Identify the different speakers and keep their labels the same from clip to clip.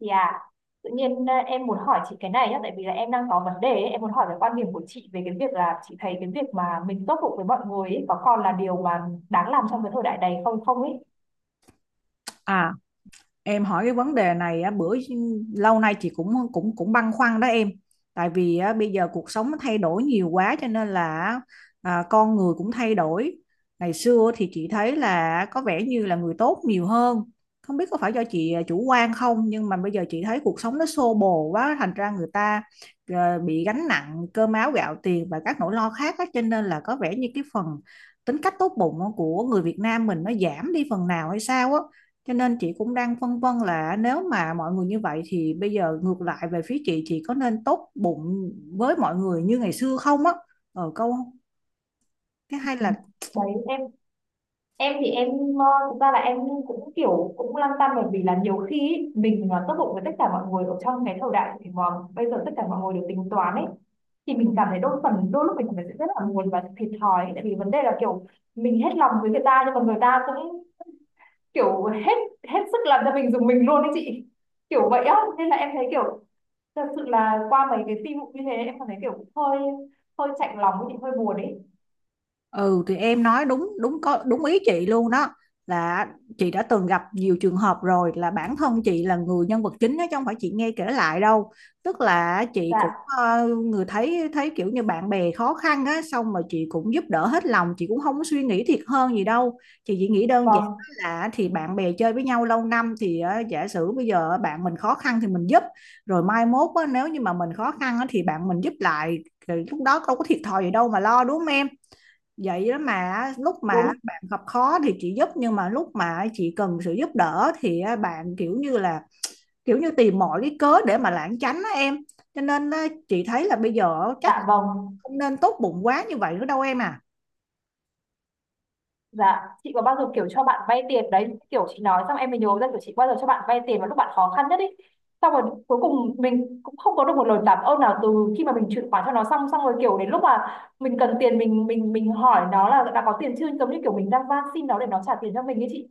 Speaker 1: Chị à, em muốn hỏi chị cái này nhá, tại vì là em đang có vấn đề ấy. Em muốn hỏi về quan điểm của chị về cái việc là chị thấy cái việc mà mình tốt bụng với mọi người ấy, có còn là điều mà đáng làm trong cái thời đại này không không ấy.
Speaker 2: À, em hỏi cái vấn đề này á, bữa lâu nay chị cũng cũng cũng băn khoăn đó em. Tại vì á, bây giờ cuộc sống nó thay đổi nhiều quá cho nên là con người cũng thay đổi. Ngày xưa thì chị thấy là có vẻ như là người tốt nhiều hơn. Không biết có phải do chị chủ quan không, nhưng mà bây giờ chị thấy cuộc sống nó xô bồ quá, thành ra người ta bị gánh nặng cơm áo gạo tiền và các nỗi lo khác á, cho nên là có vẻ như cái phần tính cách tốt bụng của người Việt Nam mình nó giảm đi phần nào hay sao á. Cho nên chị cũng đang phân vân là nếu mà mọi người như vậy thì bây giờ ngược lại về phía chị có nên tốt bụng với mọi người như ngày xưa không á. Ờ câu cái hay
Speaker 1: Ừ.
Speaker 2: là
Speaker 1: Đấy, em thì em ờ, thực ra là em cũng kiểu cũng lăn tăn bởi vì là nhiều khi ấy, mình mà tốt bụng với tất cả mọi người ở trong cái thời đại mà bây giờ tất cả mọi người đều tính toán ấy thì mình cảm thấy đôi phần đôi lúc mình cảm thấy rất là buồn và thiệt thòi ấy. Tại vì vấn đề là kiểu mình hết lòng với người ta nhưng mà người ta cũng kiểu hết hết sức làm cho mình dùng mình luôn đấy chị, kiểu vậy á nên là em thấy kiểu thật sự là qua mấy cái tin vụ như thế em cảm thấy kiểu hơi hơi chạnh lòng với chị, hơi buồn ấy.
Speaker 2: Ừ thì em nói đúng đúng có đúng ý chị luôn đó, là chị đã từng gặp nhiều trường hợp rồi, là bản thân chị là người nhân vật chính đó chứ không phải chị nghe kể lại đâu. Tức là chị cũng
Speaker 1: Dạ
Speaker 2: người thấy thấy kiểu như bạn bè khó khăn á, xong mà chị cũng giúp đỡ hết lòng, chị cũng không có suy nghĩ thiệt hơn gì đâu. Chị chỉ nghĩ đơn giản
Speaker 1: vâng.
Speaker 2: là thì bạn bè chơi với nhau lâu năm thì giả sử bây giờ bạn mình khó khăn thì mình giúp, rồi mai mốt á, nếu như mà mình khó khăn á, thì bạn mình giúp lại. Thì lúc đó đâu có thiệt thòi gì đâu mà lo, đúng không em? Vậy đó, mà lúc mà
Speaker 1: Đúng.
Speaker 2: bạn gặp khó thì chị giúp, nhưng mà lúc mà chị cần sự giúp đỡ thì á, bạn kiểu như là kiểu như tìm mọi cái cớ để mà lảng tránh á em. Cho nên á, chị thấy là bây giờ chắc
Speaker 1: Dạ vâng.
Speaker 2: không nên tốt bụng quá như vậy nữa đâu em à.
Speaker 1: Dạ chị có bao giờ kiểu cho bạn vay tiền đấy, kiểu chị nói xong em mới nhớ ra, kiểu chị bao giờ cho bạn vay tiền vào lúc bạn khó khăn nhất ấy, xong rồi cuối cùng mình cũng không có được một lời cảm ơn nào từ khi mà mình chuyển khoản cho nó xong xong rồi kiểu đến lúc mà mình cần tiền mình hỏi nó là đã có tiền chưa, giống như kiểu mình đang van xin nó để nó trả tiền cho mình ấy chị,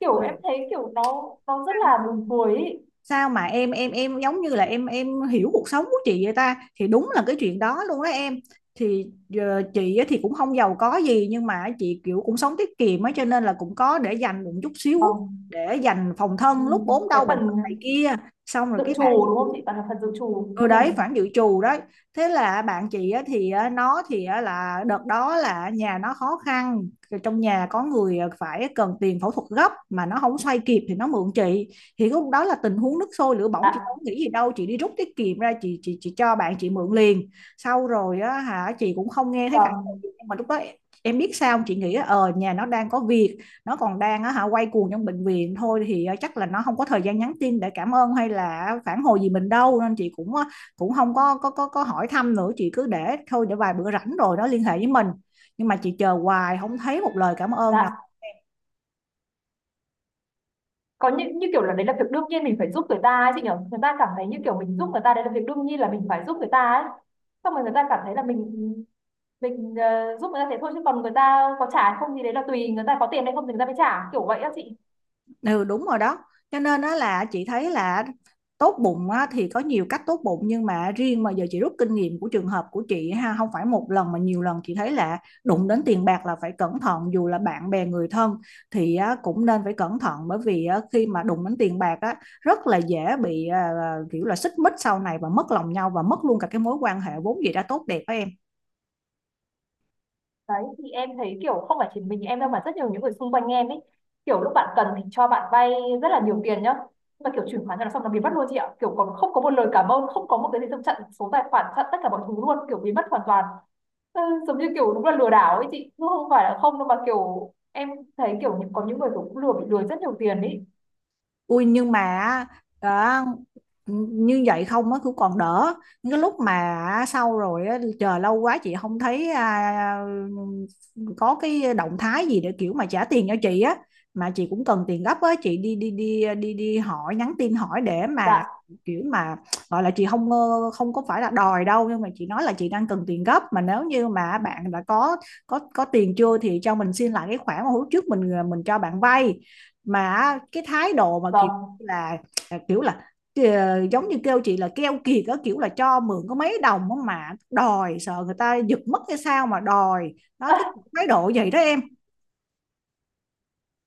Speaker 1: kiểu em thấy kiểu nó rất là buồn cười ý.
Speaker 2: Sao mà em giống như là em hiểu cuộc sống của chị vậy ta, thì đúng là cái chuyện đó luôn đó em. Thì chị á thì cũng không giàu có gì, nhưng mà chị kiểu cũng sống tiết kiệm ấy, cho nên là cũng có để dành một chút xíu,
Speaker 1: Vâng.
Speaker 2: để dành phòng
Speaker 1: Ừ.
Speaker 2: thân lúc ốm
Speaker 1: Cái
Speaker 2: đau bệnh
Speaker 1: phần
Speaker 2: tật này kia. Xong rồi
Speaker 1: dự
Speaker 2: cái
Speaker 1: trù
Speaker 2: bà
Speaker 1: đúng không chị? Toàn là phần dự trù
Speaker 2: Ừ,
Speaker 1: cho
Speaker 2: đấy,
Speaker 1: mình.
Speaker 2: khoản dự trù đấy. Thế là bạn chị á, thì á, nó thì á, là đợt đó là nhà nó khó khăn. Rồi trong nhà có người phải cần tiền phẫu thuật gấp mà nó không xoay kịp thì nó mượn chị. Thì lúc đó là tình huống nước sôi lửa bỏng, chị
Speaker 1: Dạ.
Speaker 2: không nghĩ gì đâu, chị đi rút tiết kiệm ra, chị cho bạn chị mượn liền. Sau rồi á, hả, chị cũng không nghe thấy phản hồi
Speaker 1: Vâng.
Speaker 2: gì, nhưng mà lúc đó em biết sao không? Chị nghĩ á, ờ, nhà nó đang có việc, nó còn đang á, hả, quay cuồng trong bệnh viện thôi, thì ờ, chắc là nó không có thời gian nhắn tin để cảm ơn hay là phản hồi gì mình đâu, nên chị cũng cũng không có hỏi thăm nữa, chị cứ để thôi, để vài bữa rảnh rồi nó liên hệ với mình. Nhưng mà chị chờ hoài không thấy một lời cảm ơn nào.
Speaker 1: Dạ. Có những như kiểu là đấy là việc đương nhiên mình phải giúp người ta ấy chị nhỉ? Người ta cảm thấy như kiểu mình giúp người ta đấy là việc đương nhiên là mình phải giúp người ta ấy. Xong rồi người ta cảm thấy là mình giúp người ta thế thôi chứ còn người ta có trả hay không thì đấy là tùy người ta có tiền hay không thì người ta mới trả, kiểu vậy á chị.
Speaker 2: Ừ đúng rồi đó, cho nên đó là chị thấy là tốt bụng á, thì có nhiều cách tốt bụng, nhưng mà riêng mà giờ chị rút kinh nghiệm của trường hợp của chị ha, không phải một lần mà nhiều lần, chị thấy là đụng đến tiền bạc là phải cẩn thận, dù là bạn bè người thân thì á, cũng nên phải cẩn thận, bởi vì á, khi mà đụng đến tiền bạc á, rất là dễ bị kiểu là xích mích sau này và mất lòng nhau và mất luôn cả cái mối quan hệ vốn gì đã tốt đẹp đó em.
Speaker 1: Đấy thì em thấy kiểu không phải chỉ mình em đâu mà rất nhiều những người xung quanh em ấy, kiểu lúc bạn cần thì cho bạn vay rất là nhiều tiền nhá, nhưng mà kiểu chuyển khoản cho nó xong nó biến mất luôn chị ạ, kiểu còn không có một lời cảm ơn, không có một cái gì, trong chặn số tài khoản chặn tất cả mọi thứ luôn, kiểu biến mất hoàn toàn. ừ, Giống như kiểu đúng là lừa đảo ấy chị chứ không phải là không đâu, mà kiểu em thấy kiểu có những người kiểu cũng bị lừa rất nhiều tiền ấy.
Speaker 2: Ui, nhưng mà đó, như vậy không á cũng còn đỡ. Những cái lúc mà sau rồi á, chờ lâu quá chị không thấy có cái động thái gì để kiểu mà trả tiền cho chị á, mà chị cũng cần tiền gấp á, chị đi đi đi đi đi hỏi, nhắn tin hỏi để mà
Speaker 1: Dạ
Speaker 2: kiểu mà gọi là chị không không có phải là đòi đâu, nhưng mà chị nói là chị đang cần tiền gấp, mà nếu như mà bạn đã có tiền chưa thì cho mình xin lại cái khoản mà hôm trước mình mình cho bạn vay. Mà cái thái độ mà kiểu
Speaker 1: vâng.
Speaker 2: là à, kiểu là ờ, giống như kêu chị là keo kiệt đó, kiểu là cho mượn có mấy đồng mà đòi, sợ người ta giật mất hay sao mà đòi đó,
Speaker 1: à,
Speaker 2: cái thái độ vậy đó em.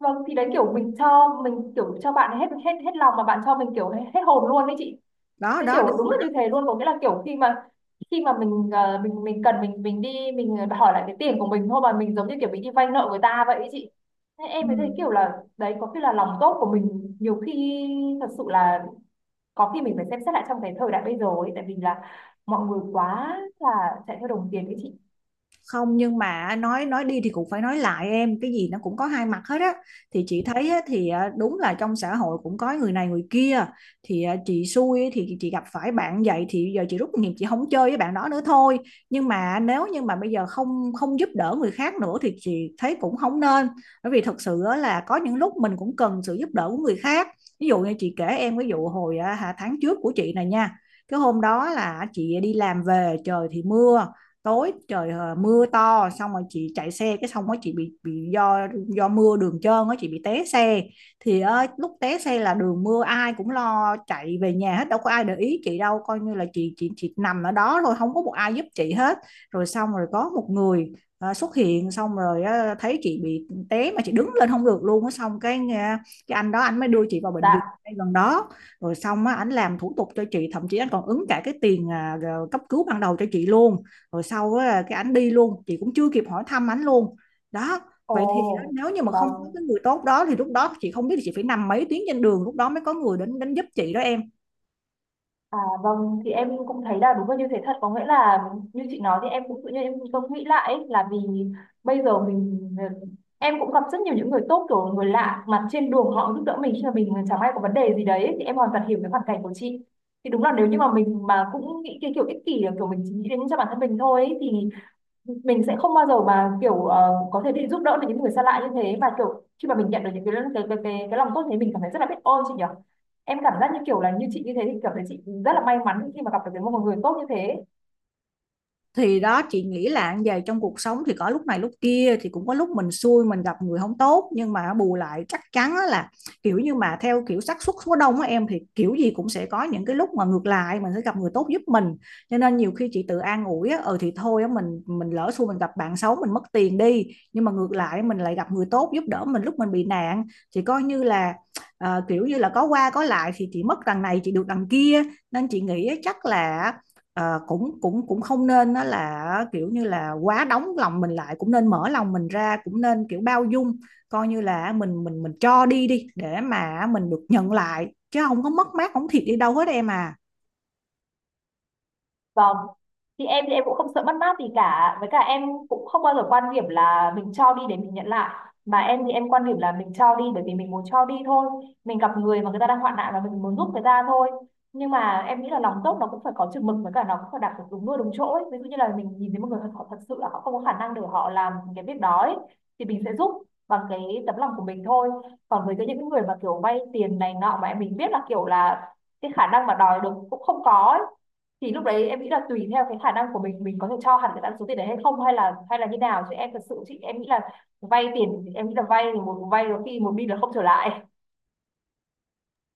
Speaker 1: vâng thì đấy kiểu mình cho mình kiểu cho bạn hết hết hết lòng mà bạn cho mình kiểu hết hồn luôn đấy chị.
Speaker 2: Đó
Speaker 1: Cái
Speaker 2: đó,
Speaker 1: kiểu
Speaker 2: đúng
Speaker 1: đúng
Speaker 2: rồi
Speaker 1: là
Speaker 2: đó.
Speaker 1: như thế luôn, có nghĩa là kiểu khi mà mình cần mình đi mình hỏi lại cái tiền của mình thôi mà mình giống như kiểu mình đi vay nợ người ta vậy ấy chị. Thế
Speaker 2: Ừ.
Speaker 1: em mới thấy kiểu là đấy có khi là lòng tốt của mình nhiều khi thật sự là có khi mình phải xem xét lại trong cái thời đại bây giờ ấy, tại vì là mọi người quá là chạy theo đồng tiền ấy chị.
Speaker 2: Không, nhưng mà nói đi thì cũng phải nói lại em, cái gì nó cũng có hai mặt hết á. Thì chị thấy á, thì à, đúng là trong xã hội cũng có người này người kia, thì à, chị xui á, thì chị gặp phải bạn vậy, thì giờ chị rút kinh nghiệm chị không chơi với bạn đó nữa thôi. Nhưng mà nếu như mà bây giờ không không giúp đỡ người khác nữa thì chị thấy cũng không nên, bởi vì thật sự á, là có những lúc mình cũng cần sự giúp đỡ của người khác. Ví dụ như chị kể em, ví dụ hồi tháng trước của chị này nha. Cái hôm đó là chị đi làm về, trời thì mưa tối trời, ờ, mưa to, xong rồi chị chạy xe, cái xong rồi chị bị do mưa đường trơn á, chị bị té xe. Thì ờ, lúc té xe là đường mưa ai cũng lo chạy về nhà hết, đâu có ai để ý chị đâu, coi như là chị nằm ở đó thôi, không có một ai giúp chị hết. Rồi xong rồi có một người xuất hiện, xong rồi ờ, thấy chị bị té mà chị đứng lên không được luôn á, xong cái cái anh đó anh mới đưa chị vào bệnh viện
Speaker 1: Dạ.
Speaker 2: ngay gần đó. Rồi xong á, anh làm thủ tục cho chị, thậm chí anh còn ứng cả cái tiền cấp cứu ban đầu cho chị luôn. Rồi sau á, cái ảnh đi luôn, chị cũng chưa kịp hỏi thăm ảnh luôn đó. Vậy thì á,
Speaker 1: Ồ.
Speaker 2: nếu như mà không có
Speaker 1: Vâng.
Speaker 2: cái người tốt đó thì lúc đó chị không biết là chị phải nằm mấy tiếng trên đường lúc đó mới có người đến đến giúp chị đó em.
Speaker 1: À, vâng thì em cũng thấy là đúng là như thế thật, có nghĩa là như chị nói thì em cũng tự nhiên em cũng nghĩ lại ấy, là vì bây giờ mình em cũng gặp rất nhiều những người tốt kiểu người lạ mặt trên đường họ giúp đỡ mình khi mà mình chẳng may có vấn đề gì đấy ấy, thì em hoàn toàn hiểu cái hoàn cảnh của chị. Thì đúng là nếu như mà mình mà cũng nghĩ cái kiểu ích kỷ kiểu mình chỉ nghĩ đến cho bản thân mình thôi ấy, thì mình sẽ không bao giờ mà kiểu có thể đi giúp đỡ được những người xa lạ như thế, và kiểu khi mà mình nhận được những cái lòng tốt thế mình cảm thấy rất là biết ơn chị nhỉ. Em cảm giác như kiểu là như chị như thế thì cảm thấy chị rất là may mắn khi mà gặp được cái một người tốt như thế.
Speaker 2: Thì đó, chị nghĩ là về trong cuộc sống thì có lúc này lúc kia, thì cũng có lúc mình xui mình gặp người không tốt, nhưng mà bù lại chắc chắn á là kiểu như mà theo kiểu xác suất số đông á em, thì kiểu gì cũng sẽ có những cái lúc mà ngược lại mình sẽ gặp người tốt giúp mình. Cho nên nhiều khi chị tự an ủi á, ừ thì thôi á, mình lỡ xui mình gặp bạn xấu mình mất tiền đi, nhưng mà ngược lại mình lại gặp người tốt giúp đỡ mình lúc mình bị nạn, thì coi như là kiểu như là có qua có lại, thì chị mất đằng này chị được đằng kia. Nên chị nghĩ chắc là ờ, cũng cũng cũng không nên nó là kiểu như là quá đóng lòng mình lại, cũng nên mở lòng mình ra, cũng nên kiểu bao dung, coi như là mình cho đi đi để mà mình được nhận lại, chứ không có mất mát không thiệt đi đâu hết em à.
Speaker 1: Vâng. Thì em cũng không sợ mất mát gì cả, với cả em cũng không bao giờ quan điểm là mình cho đi để mình nhận lại, mà em thì em quan điểm là mình cho đi bởi vì mình muốn cho đi thôi. Mình gặp người mà người ta đang hoạn nạn và mình muốn giúp người ta thôi. Nhưng mà em nghĩ là lòng tốt nó cũng phải có chừng mực, với cả nó cũng phải đặt được đúng nơi đúng chỗ ấy. Ví dụ như là mình nhìn thấy một người họ thật sự là họ không có khả năng để họ làm cái việc đó ấy, thì mình sẽ giúp bằng cái tấm lòng của mình thôi. Còn với cái những người mà kiểu vay tiền này nọ mà mình biết là kiểu là cái khả năng mà đòi được cũng không có ấy, thì lúc đấy em nghĩ là tùy theo cái khả năng của mình có thể cho hẳn cái ta số tiền đấy hay không hay là như nào, chứ em thật sự em nghĩ là vay tiền em nghĩ là vay thì một vay có khi một bi là không trở lại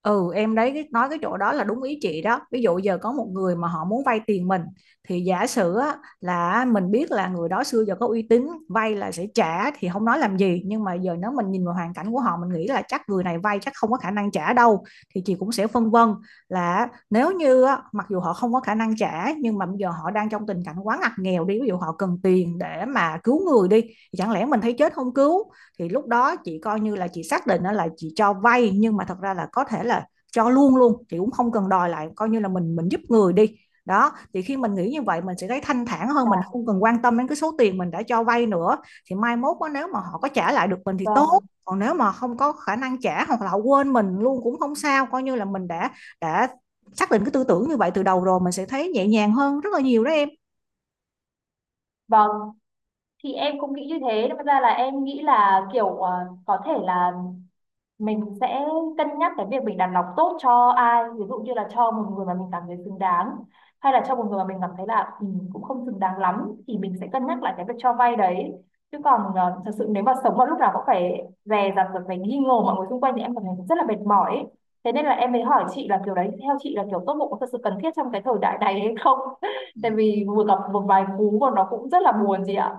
Speaker 2: Ừ em, đấy, nói cái chỗ đó là đúng ý chị đó. Ví dụ giờ có một người mà họ muốn vay tiền mình, thì giả sử á, là mình biết là người đó xưa giờ có uy tín, vay là sẽ trả thì không nói làm gì, nhưng mà giờ nếu mình nhìn vào hoàn cảnh của họ, mình nghĩ là chắc người này vay chắc không có khả năng trả đâu, thì chị cũng sẽ phân vân là nếu như á, mặc dù họ không có khả năng trả, nhưng mà bây giờ họ đang trong tình cảnh quá ngặt nghèo đi, ví dụ họ cần tiền để mà cứu người đi, thì chẳng lẽ mình thấy chết không cứu. Thì lúc đó chị coi như là chị xác định là chị cho vay, nhưng mà thật ra là có thể là cho luôn luôn, chị cũng không cần đòi lại, coi như là mình giúp người đi. Đó, thì khi mình nghĩ như vậy mình sẽ thấy thanh thản hơn, mình
Speaker 1: dạ
Speaker 2: không cần quan tâm đến cái số tiền mình đã cho vay nữa. Thì mai mốt đó, nếu mà họ có trả lại được mình thì tốt,
Speaker 1: vâng.
Speaker 2: còn nếu mà không có khả năng trả hoặc là họ quên mình luôn cũng không sao, coi như là mình đã xác định cái tư tưởng như vậy từ đầu rồi, mình sẽ thấy nhẹ nhàng hơn rất là nhiều đó em.
Speaker 1: Vâng thì em cũng nghĩ như thế, đâm ra là em nghĩ là kiểu có thể là mình sẽ cân nhắc cái việc mình đặt cọc tốt cho ai, ví dụ như là cho một người mà mình cảm thấy xứng đáng, hay là cho một người mà mình cảm thấy là ừ, cũng không xứng đáng lắm thì mình sẽ cân nhắc lại cái việc cho vay đấy. Chứ còn thật sự nếu mà sống mà lúc nào cũng phải dè dặt rồi phải nghi ngờ mọi người xung quanh thì em cảm thấy rất là mệt mỏi ấy. Thế nên là em mới hỏi chị là kiểu đấy theo chị là kiểu tốt bụng có thật sự cần thiết trong cái thời đại này hay không tại vì vừa gặp một vài cú mà nó cũng rất là buồn chị ạ.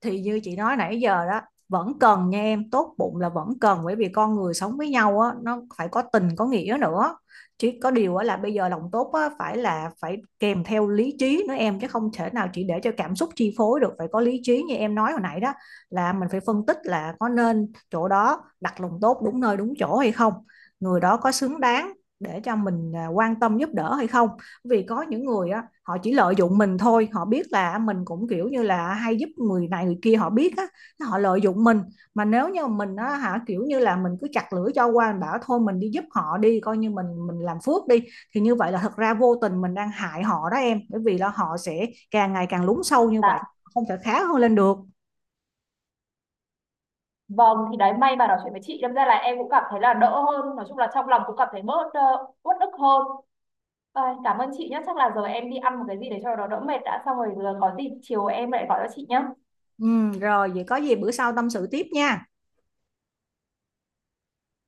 Speaker 2: Thì như chị nói nãy giờ đó, vẫn cần nha em, tốt bụng là vẫn cần, bởi vì con người sống với nhau á, nó phải có tình có nghĩa nữa. Chứ có điều á là bây giờ lòng tốt á phải là phải kèm theo lý trí nữa em, chứ không thể nào chỉ để cho cảm xúc chi phối được, phải có lý trí như em nói hồi nãy đó, là mình phải phân tích là có nên chỗ đó đặt lòng tốt đúng nơi đúng chỗ hay không, người đó có xứng đáng để cho mình quan tâm giúp đỡ hay không. Vì có những người á họ chỉ lợi dụng mình thôi, họ biết là mình cũng kiểu như là hay giúp người này người kia, họ biết á họ lợi dụng mình. Mà nếu như mình á, hả, kiểu như là mình cứ chặt lưỡi cho qua, mình bảo thôi mình đi giúp họ đi, coi như mình làm phước đi, thì như vậy là thật ra vô tình mình đang hại họ đó em, bởi vì là họ sẽ càng ngày càng lún sâu như vậy,
Speaker 1: Dạ.
Speaker 2: không thể khá hơn lên được.
Speaker 1: Vâng thì đấy may mà nói chuyện với chị đâm ra là em cũng cảm thấy là đỡ hơn, nói chung là trong lòng cũng cảm thấy bớt uất ức hơn. Ai, cảm ơn chị nhé, chắc là giờ em đi ăn một cái gì để cho nó đỡ mệt đã, xong rồi giờ có gì chiều em lại gọi cho chị nhé.
Speaker 2: Ừ, rồi vậy có gì bữa sau tâm sự tiếp nha.